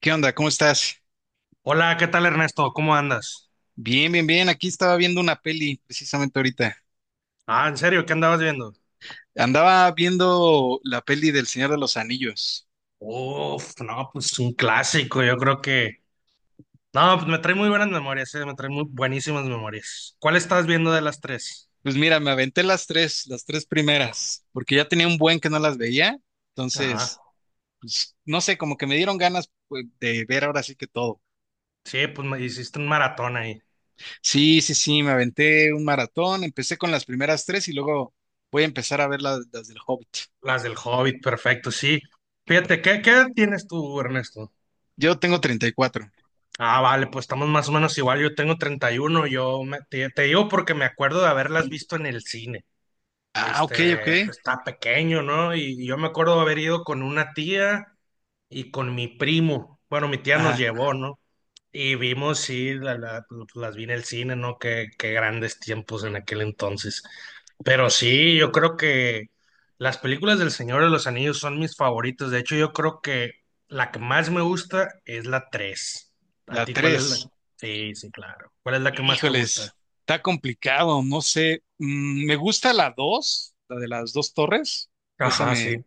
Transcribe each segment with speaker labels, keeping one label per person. Speaker 1: ¿Qué onda? ¿Cómo estás?
Speaker 2: Hola, ¿qué tal Ernesto? ¿Cómo andas?
Speaker 1: Bien, bien, bien. Aquí estaba viendo una peli precisamente ahorita.
Speaker 2: Ah, ¿en serio? ¿Qué andabas viendo?
Speaker 1: Andaba viendo la peli del Señor de los Anillos.
Speaker 2: Uf, no, pues un clásico, yo creo que. No, pues me trae muy buenas memorias, me trae muy buenísimas memorias. ¿Cuál estás viendo de las tres?
Speaker 1: Pues mira, me aventé las tres primeras, porque ya tenía un buen que no las veía. Entonces,
Speaker 2: Ajá.
Speaker 1: pues no sé, como que me dieron ganas pues, de ver ahora sí que todo.
Speaker 2: Sí, pues me hiciste un maratón ahí.
Speaker 1: Sí, sí, sí, me aventé un maratón. Empecé con las primeras tres y luego voy a empezar a ver las del Hobbit.
Speaker 2: Las del Hobbit, perfecto, sí. Fíjate, ¿qué edad tienes tú, Ernesto?
Speaker 1: Yo tengo 34.
Speaker 2: Ah, vale, pues estamos más o menos igual, yo tengo 31, te digo porque me acuerdo de haberlas visto en el cine.
Speaker 1: Ah, ok, ok.
Speaker 2: Este, pues, está pequeño, ¿no? Y yo me acuerdo haber ido con una tía y con mi primo. Bueno, mi tía nos
Speaker 1: Ajá,
Speaker 2: llevó, ¿no? Y vimos, sí, pues, las vi en el cine, ¿no? Qué grandes tiempos en aquel entonces. Pero sí, yo creo que las películas del Señor de los Anillos son mis favoritas. De hecho, yo creo que la que más me gusta es la 3. ¿A
Speaker 1: la
Speaker 2: ti cuál es la?
Speaker 1: tres.
Speaker 2: Sí, sí, claro. ¿Cuál es la que más te gusta?
Speaker 1: Híjoles, está complicado, no sé. Mm, me gusta la 2, la de las dos torres. Esa
Speaker 2: Ajá,
Speaker 1: me,
Speaker 2: sí.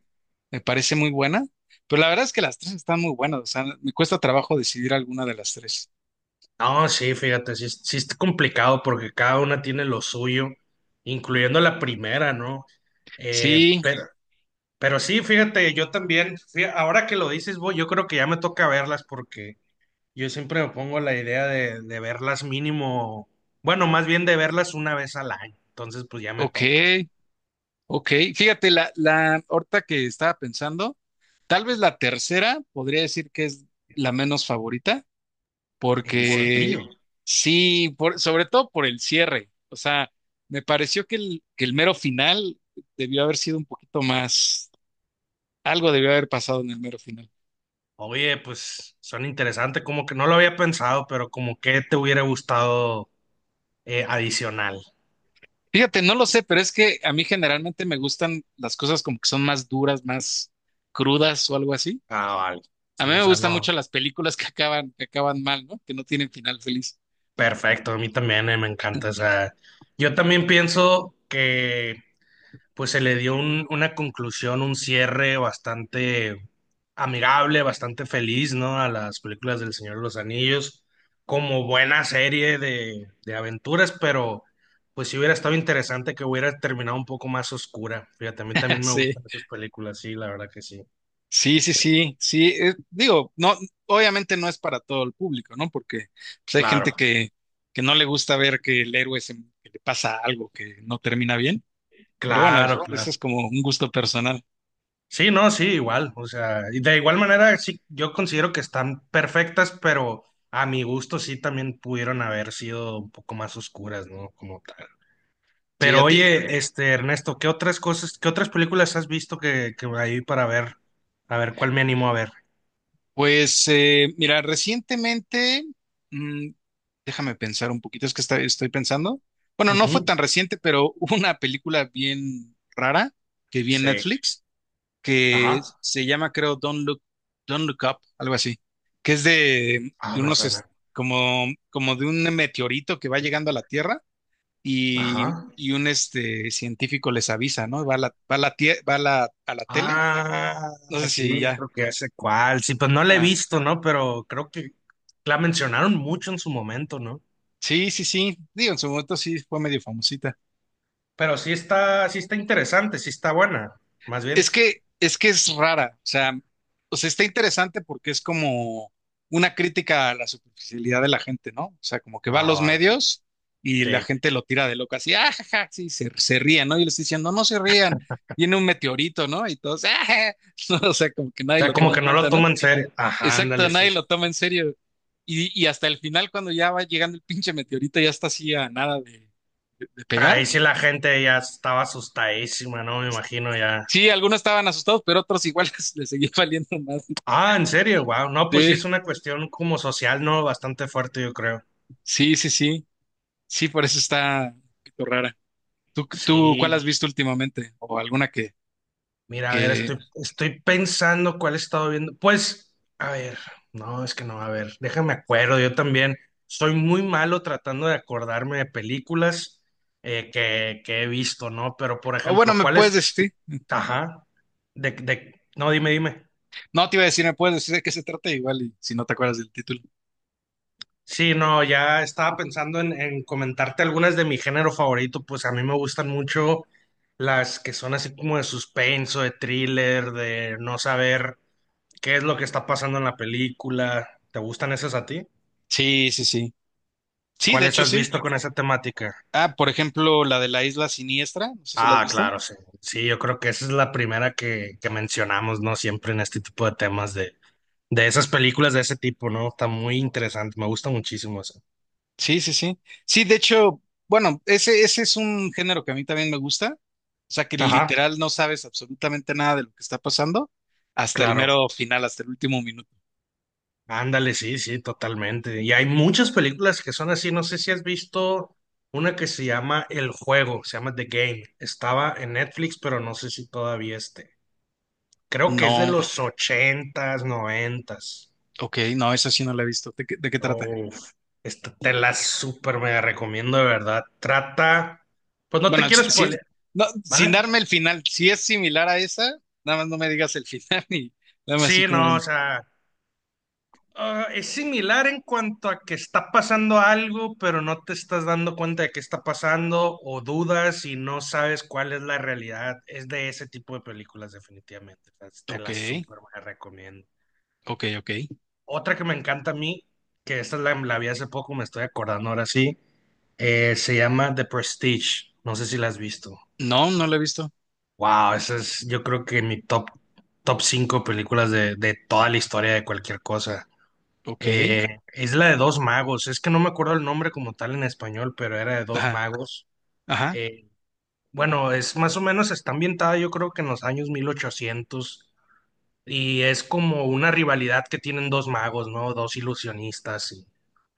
Speaker 1: me parece muy buena. Pero la verdad es que las tres están muy buenas. O sea, me cuesta trabajo decidir alguna de las tres.
Speaker 2: No, sí, fíjate, sí, sí está complicado porque cada una tiene lo suyo, incluyendo la primera, ¿no?
Speaker 1: Sí,
Speaker 2: Pero, sí, fíjate, yo también, ahora que lo dices, voy yo creo que ya me toca verlas porque yo siempre me pongo la idea de verlas mínimo, bueno, más bien de verlas una vez al año, entonces pues ya me
Speaker 1: ok,
Speaker 2: toca.
Speaker 1: ok. Fíjate, la ahorita que estaba pensando, tal vez la tercera podría decir que es la menos favorita,
Speaker 2: ¿En
Speaker 1: porque
Speaker 2: serio?
Speaker 1: sí, sobre todo por el cierre. O sea, me pareció que que el mero final debió haber sido un poquito más, algo debió haber pasado en el mero final.
Speaker 2: Oye, pues son interesantes, como que no lo había pensado, pero como que te hubiera gustado adicional.
Speaker 1: Fíjate, no lo sé, pero es que a mí generalmente me gustan las cosas como que son más duras, más crudas o algo así.
Speaker 2: Ah, vale.
Speaker 1: A mí
Speaker 2: Sí, o
Speaker 1: me
Speaker 2: sea,
Speaker 1: gustan mucho
Speaker 2: no.
Speaker 1: las películas que acaban mal, ¿no? Que no tienen final feliz.
Speaker 2: Perfecto, a mí también me encanta. O sea, yo también pienso que pues se le dio una conclusión, un cierre bastante amigable, bastante feliz, ¿no? A las películas del Señor de los Anillos, como buena serie de aventuras, pero pues sí hubiera estado interesante que hubiera terminado un poco más oscura. Fíjate, a mí también me
Speaker 1: Sí.
Speaker 2: gustan esas películas, sí, la verdad que sí.
Speaker 1: Sí, sí, sí, sí. Digo, no, obviamente no es para todo el público, ¿no? Porque pues, hay
Speaker 2: Claro,
Speaker 1: que no le gusta ver que el que le pasa algo que no termina bien. Pero bueno,
Speaker 2: claro,
Speaker 1: eso
Speaker 2: claro.
Speaker 1: es como un gusto personal.
Speaker 2: Sí, no, sí, igual. O sea, y de igual manera, sí, yo considero que están perfectas, pero a mi gusto sí también pudieron haber sido un poco más oscuras, ¿no? Como tal.
Speaker 1: Sí,
Speaker 2: Pero
Speaker 1: a ti.
Speaker 2: oye, este, Ernesto, ¿qué otras cosas, qué otras películas has visto que ahí para ver, a ver cuál me animo a ver?
Speaker 1: Pues mira, recientemente, mm, déjame pensar un poquito, es que estoy pensando. Bueno, no fue
Speaker 2: Ujú.
Speaker 1: tan reciente, pero hubo una película bien rara que vi en
Speaker 2: Sí.
Speaker 1: Netflix, que
Speaker 2: Ajá.
Speaker 1: se llama, creo, Don't Look Up, algo así, que es
Speaker 2: Ah,
Speaker 1: de
Speaker 2: me
Speaker 1: unos,
Speaker 2: suena.
Speaker 1: como, como de un meteorito que va llegando a la Tierra y,
Speaker 2: Ajá.
Speaker 1: y un este, científico les avisa, ¿no? Va a la, tie- va a la tele,
Speaker 2: Ah,
Speaker 1: no sé
Speaker 2: sí,
Speaker 1: si ya.
Speaker 2: creo que ya sé cuál. Sí, pues no la he
Speaker 1: Ah,
Speaker 2: visto, ¿no? Pero creo que la mencionaron mucho en su momento, ¿no?
Speaker 1: sí, sí, sí, digo, en su momento sí fue medio famosita.
Speaker 2: Pero sí está interesante, sí está buena, más bien.
Speaker 1: Es que es rara, o sea, está interesante porque es como una crítica a la superficialidad de la gente, ¿no? O sea, como que va a
Speaker 2: Ah,
Speaker 1: los
Speaker 2: vale,
Speaker 1: medios y
Speaker 2: sí.
Speaker 1: la
Speaker 2: O
Speaker 1: gente lo tira de loca, así, ah, ja, ja", sí, se ríen, ¿no? Y les dicen, no, no se rían, viene un meteorito, ¿no? Y todos, ah, ja". No, o sea, como que nadie
Speaker 2: sea,
Speaker 1: lo
Speaker 2: como
Speaker 1: toma en
Speaker 2: que no lo
Speaker 1: cuenta, ¿no?
Speaker 2: toma en serio. Ajá,
Speaker 1: Exacto,
Speaker 2: ándale, sí,
Speaker 1: nadie
Speaker 2: sí.
Speaker 1: lo toma en serio. Y hasta el final, cuando ya va llegando el pinche meteorito, ya está así a nada de, de pegar.
Speaker 2: Ahí sí la gente ya estaba asustadísima, ¿no? Me imagino ya.
Speaker 1: Sí, algunos estaban asustados, pero otros igual les seguía valiendo más.
Speaker 2: Ah, en serio, wow. No, pues sí
Speaker 1: Sí.
Speaker 2: es una cuestión como social, ¿no? Bastante fuerte, yo creo.
Speaker 1: Sí, sí, sí. Sí, por eso está un poquito rara. ¿Tú cuál has
Speaker 2: Sí.
Speaker 1: visto últimamente? ¿O alguna
Speaker 2: Mira, a ver,
Speaker 1: que...
Speaker 2: estoy pensando cuál he estado viendo. Pues, a ver, no, es que no, a ver, déjame acuerdo, yo también soy muy malo tratando de acordarme de películas que he visto, ¿no? Pero, por
Speaker 1: O bueno,
Speaker 2: ejemplo,
Speaker 1: me
Speaker 2: ¿cuál
Speaker 1: puedes
Speaker 2: es?
Speaker 1: decir.
Speaker 2: Ajá, no, dime, dime.
Speaker 1: No te iba a decir, me puedes decir de qué se trata igual y si no te acuerdas del título.
Speaker 2: Sí, no, ya estaba pensando en comentarte algunas de mi género favorito, pues a mí me gustan mucho las que son así como de suspenso, de thriller, de no saber ¿qué es lo que está pasando en la película? ¿Te gustan esas a ti?
Speaker 1: Sí, sí, sí. Sí, de
Speaker 2: ¿Cuáles
Speaker 1: hecho
Speaker 2: has sí,
Speaker 1: sí.
Speaker 2: visto con esa temática?
Speaker 1: Ah, por ejemplo, la de la Isla Siniestra, no sé si la has
Speaker 2: Ah,
Speaker 1: visto.
Speaker 2: claro, sí. Sí, yo creo que esa es la primera que mencionamos, ¿no? Siempre en este tipo de temas de esas películas de ese tipo, ¿no? Está muy interesante, me gusta muchísimo eso.
Speaker 1: Sí, sí, sí. Sí, de hecho, bueno, ese es un género que a mí también me gusta. O sea, que
Speaker 2: Ajá,
Speaker 1: literal no sabes absolutamente nada de lo que está pasando hasta el
Speaker 2: claro.
Speaker 1: mero final, hasta el último minuto.
Speaker 2: Ándale, sí, sí, totalmente. Y hay muchas películas que son así. No sé si has visto una que se llama El Juego, se llama The Game. Estaba en Netflix, pero no sé si todavía esté. Creo que es de
Speaker 1: No.
Speaker 2: los ochentas, noventas.
Speaker 1: Ok, no, esa sí no la he visto. De qué trata?
Speaker 2: Uf, esta te la súper mega recomiendo, de verdad. Trata, pues no te
Speaker 1: Bueno, sí,
Speaker 2: quiero
Speaker 1: sí,
Speaker 2: spoiler,
Speaker 1: no, sin
Speaker 2: ¿vale?
Speaker 1: darme el final, si es similar a esa, nada más no me digas el final y dame así
Speaker 2: Sí,
Speaker 1: como
Speaker 2: no, o
Speaker 1: un...
Speaker 2: sea, ah, es similar en cuanto a que está pasando algo, pero no te estás dando cuenta de qué está pasando o dudas y no sabes cuál es la realidad. Es de ese tipo de películas, definitivamente. O sea, te
Speaker 1: Ok,
Speaker 2: la súper mega recomiendo.
Speaker 1: ok, ok.
Speaker 2: Otra que me encanta a mí, que esta la vi hace poco, me estoy acordando ahora sí. Se llama The Prestige. No sé si la has visto.
Speaker 1: No, no la he visto.
Speaker 2: Wow, esa es, yo creo que en mi top, 5 películas de toda la historia de cualquier cosa.
Speaker 1: Ok,
Speaker 2: Eh, es la de dos magos. Es que no me acuerdo el nombre como tal en español, pero era de dos
Speaker 1: ajá,
Speaker 2: magos.
Speaker 1: ajá,
Speaker 2: Eh, bueno, es más o menos, está ambientada yo creo que en los años 1800. Y es como una rivalidad que tienen dos magos, ¿no? Dos ilusionistas y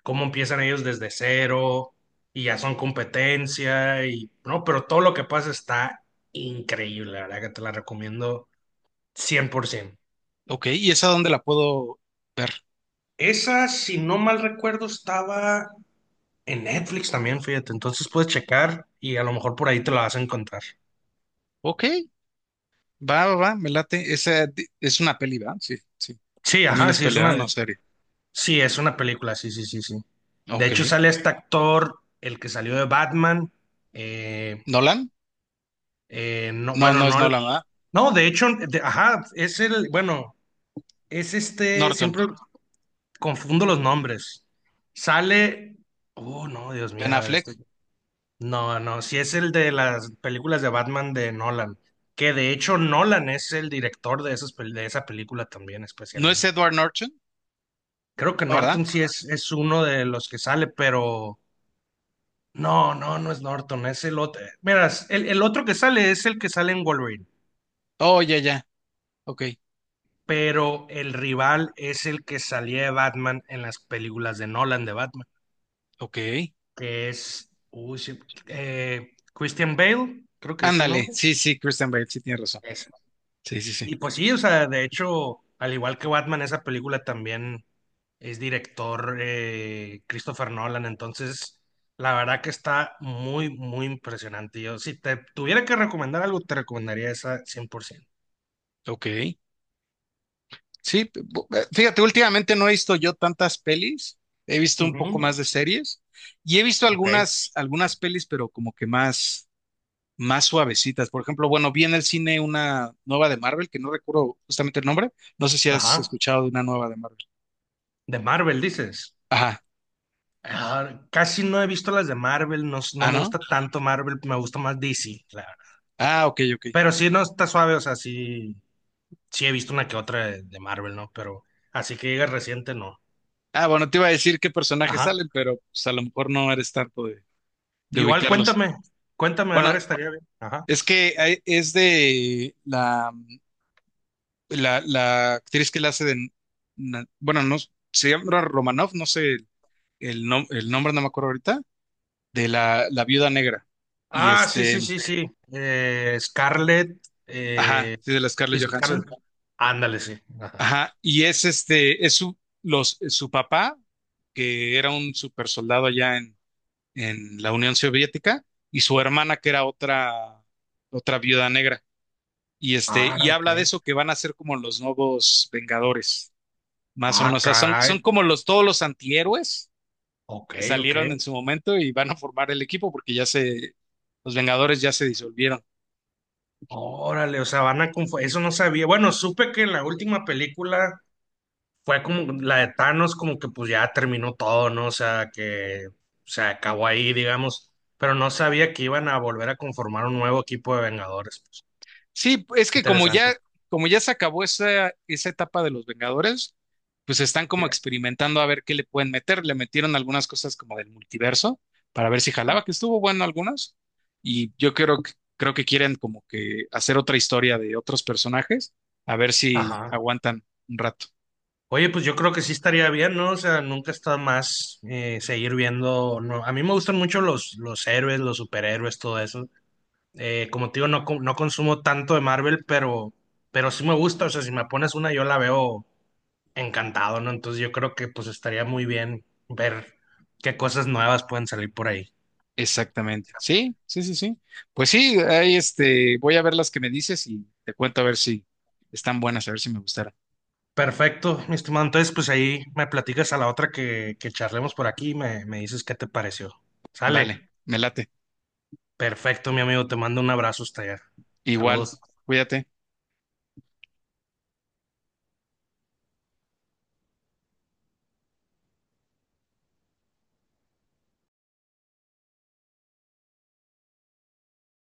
Speaker 2: cómo empiezan ellos desde cero y ya son competencia y no, pero todo lo que pasa está increíble, la verdad que te la recomiendo 100%.
Speaker 1: ok. ¿Y esa dónde la puedo ver?
Speaker 2: Esa, si no mal recuerdo, estaba en Netflix también, fíjate, entonces puedes checar y a lo mejor por ahí te la vas a encontrar.
Speaker 1: Ok, va, va, va, me late. Esa es una peli, ¿va? Sí, sí.
Speaker 2: Sí,
Speaker 1: También
Speaker 2: ajá,
Speaker 1: es pelea, no serie.
Speaker 2: sí, es una película, sí, sí, sí, sí. De
Speaker 1: Ok.
Speaker 2: hecho, sale este actor, el que salió de Batman. eh,
Speaker 1: ¿Nolan?
Speaker 2: No,
Speaker 1: No,
Speaker 2: bueno,
Speaker 1: no es
Speaker 2: no,
Speaker 1: Nolan, ¿verdad?
Speaker 2: no, de hecho, ajá, es el, bueno, es este,
Speaker 1: Norton.
Speaker 2: siempre confundo los nombres. Sale, oh, no, Dios
Speaker 1: Ben
Speaker 2: mío, a ver,
Speaker 1: Affleck.
Speaker 2: no, no, si es el de las películas de Batman de Nolan, que de hecho Nolan es el director de esas, de esa película también,
Speaker 1: ¿No es
Speaker 2: especialmente.
Speaker 1: Edward Norton?
Speaker 2: Creo que
Speaker 1: ¿No, ¿verdad?
Speaker 2: Norton sí es uno de los que sale, pero no, no, no es Norton, es el otro. Miras, el otro que sale es el que sale en Wolverine.
Speaker 1: Oh, ya, ya. Ok.
Speaker 2: Pero el rival es el que salía de Batman en las películas de Nolan de Batman,
Speaker 1: Ok.
Speaker 2: que es uy, sí, Christian Bale, creo que es el
Speaker 1: Ándale,
Speaker 2: nombre.
Speaker 1: sí, sí, Christian Bale, sí tienes razón.
Speaker 2: Ese.
Speaker 1: Sí, sí, sí.
Speaker 2: Y pues sí, o sea, de hecho, al igual que Batman, esa película también es director Christopher Nolan, entonces la verdad que está muy, muy impresionante. Yo, si te tuviera que recomendar algo, te recomendaría esa 100%.
Speaker 1: Ok. Sí, fíjate, últimamente no he visto yo tantas pelis, he visto un poco más
Speaker 2: Ujú.
Speaker 1: de series y he visto
Speaker 2: Ok,
Speaker 1: algunas, algunas pelis, pero como que más, más suavecitas. Por ejemplo, bueno, vi en el cine una nueva de Marvel, que no recuerdo justamente el nombre. No sé si has
Speaker 2: ajá.
Speaker 1: escuchado de una nueva de Marvel.
Speaker 2: De Marvel, dices.
Speaker 1: Ajá.
Speaker 2: Ah, casi no he visto las de Marvel, no, no
Speaker 1: Ah,
Speaker 2: me
Speaker 1: ¿no?
Speaker 2: gusta tanto Marvel, me gusta más DC, la verdad.
Speaker 1: Ah, ok, ok.
Speaker 2: Pero sí, no está suave, o sea, sí, sí he visto una que otra de Marvel, ¿no? Pero así que llega reciente, no.
Speaker 1: Ah, bueno, te iba a decir qué personajes
Speaker 2: Ajá.
Speaker 1: salen, pero pues, a lo mejor no eres tanto de
Speaker 2: Igual
Speaker 1: ubicarlos.
Speaker 2: cuéntame, cuéntame, a ver,
Speaker 1: Bueno,
Speaker 2: estaría bien. Ajá.
Speaker 1: es es de la actriz que la hace de, bueno, no, se llama Romanoff, no sé el nombre, no me acuerdo ahorita, de la viuda negra. Y
Speaker 2: Ah, sí, sí,
Speaker 1: este,
Speaker 2: sí, sí. Scarlett,
Speaker 1: ajá,
Speaker 2: eh,
Speaker 1: sí, de la
Speaker 2: sí,
Speaker 1: Scarlett Johansson.
Speaker 2: Scarlett. Ándale, sí. Ajá.
Speaker 1: Ajá, y es este, es su papá, que era un super soldado allá en la Unión Soviética, y su hermana, que era otra, otra viuda negra. Y este,
Speaker 2: Ah,
Speaker 1: y habla de
Speaker 2: ok.
Speaker 1: eso que van a ser como los nuevos Vengadores. Más o
Speaker 2: Ah,
Speaker 1: menos, o sea, son,
Speaker 2: caray.
Speaker 1: son como los, todos los antihéroes
Speaker 2: Ok,
Speaker 1: que
Speaker 2: ok.
Speaker 1: salieron en su momento y van a formar el equipo porque ya se, los Vengadores ya se disolvieron.
Speaker 2: Órale, o sea, van a confundir. Eso no sabía. Bueno, supe que en la última película fue como la de Thanos, como que pues ya terminó todo, ¿no? O sea, que se acabó ahí, digamos, pero no sabía que iban a volver a conformar un nuevo equipo de Vengadores. Pues,
Speaker 1: Sí, es que
Speaker 2: interesante.
Speaker 1: como ya se acabó esa, esa etapa de los Vengadores, pues están como
Speaker 2: Ya.
Speaker 1: experimentando a ver qué le pueden meter. Le metieron algunas cosas como del multiverso para ver si jalaba, que estuvo bueno algunas. Y yo creo, creo que quieren como que hacer otra historia de otros personajes, a ver si
Speaker 2: Ajá.
Speaker 1: aguantan un rato.
Speaker 2: Oye, pues yo creo que sí estaría bien, ¿no? O sea, nunca está más seguir viendo. No. A mí me gustan mucho los héroes, los superhéroes, todo eso. Como te digo, no, no consumo tanto de Marvel, pero, sí me gusta. O sea, si me pones una, yo la veo encantado, ¿no? Entonces yo creo que pues estaría muy bien ver qué cosas nuevas pueden salir por ahí.
Speaker 1: Exactamente. Sí, sí, sí, sí. Pues sí, ahí este, voy a ver las que me dices y te cuento a ver si están buenas, a ver si me gustaron.
Speaker 2: Perfecto, mi estimado. Entonces, pues ahí me platicas a la otra que charlemos por aquí y me dices qué te pareció.
Speaker 1: Vale,
Speaker 2: Sale.
Speaker 1: me late.
Speaker 2: Perfecto, mi amigo. Te mando un abrazo hasta allá.
Speaker 1: Igual,
Speaker 2: Saludos.
Speaker 1: cuídate.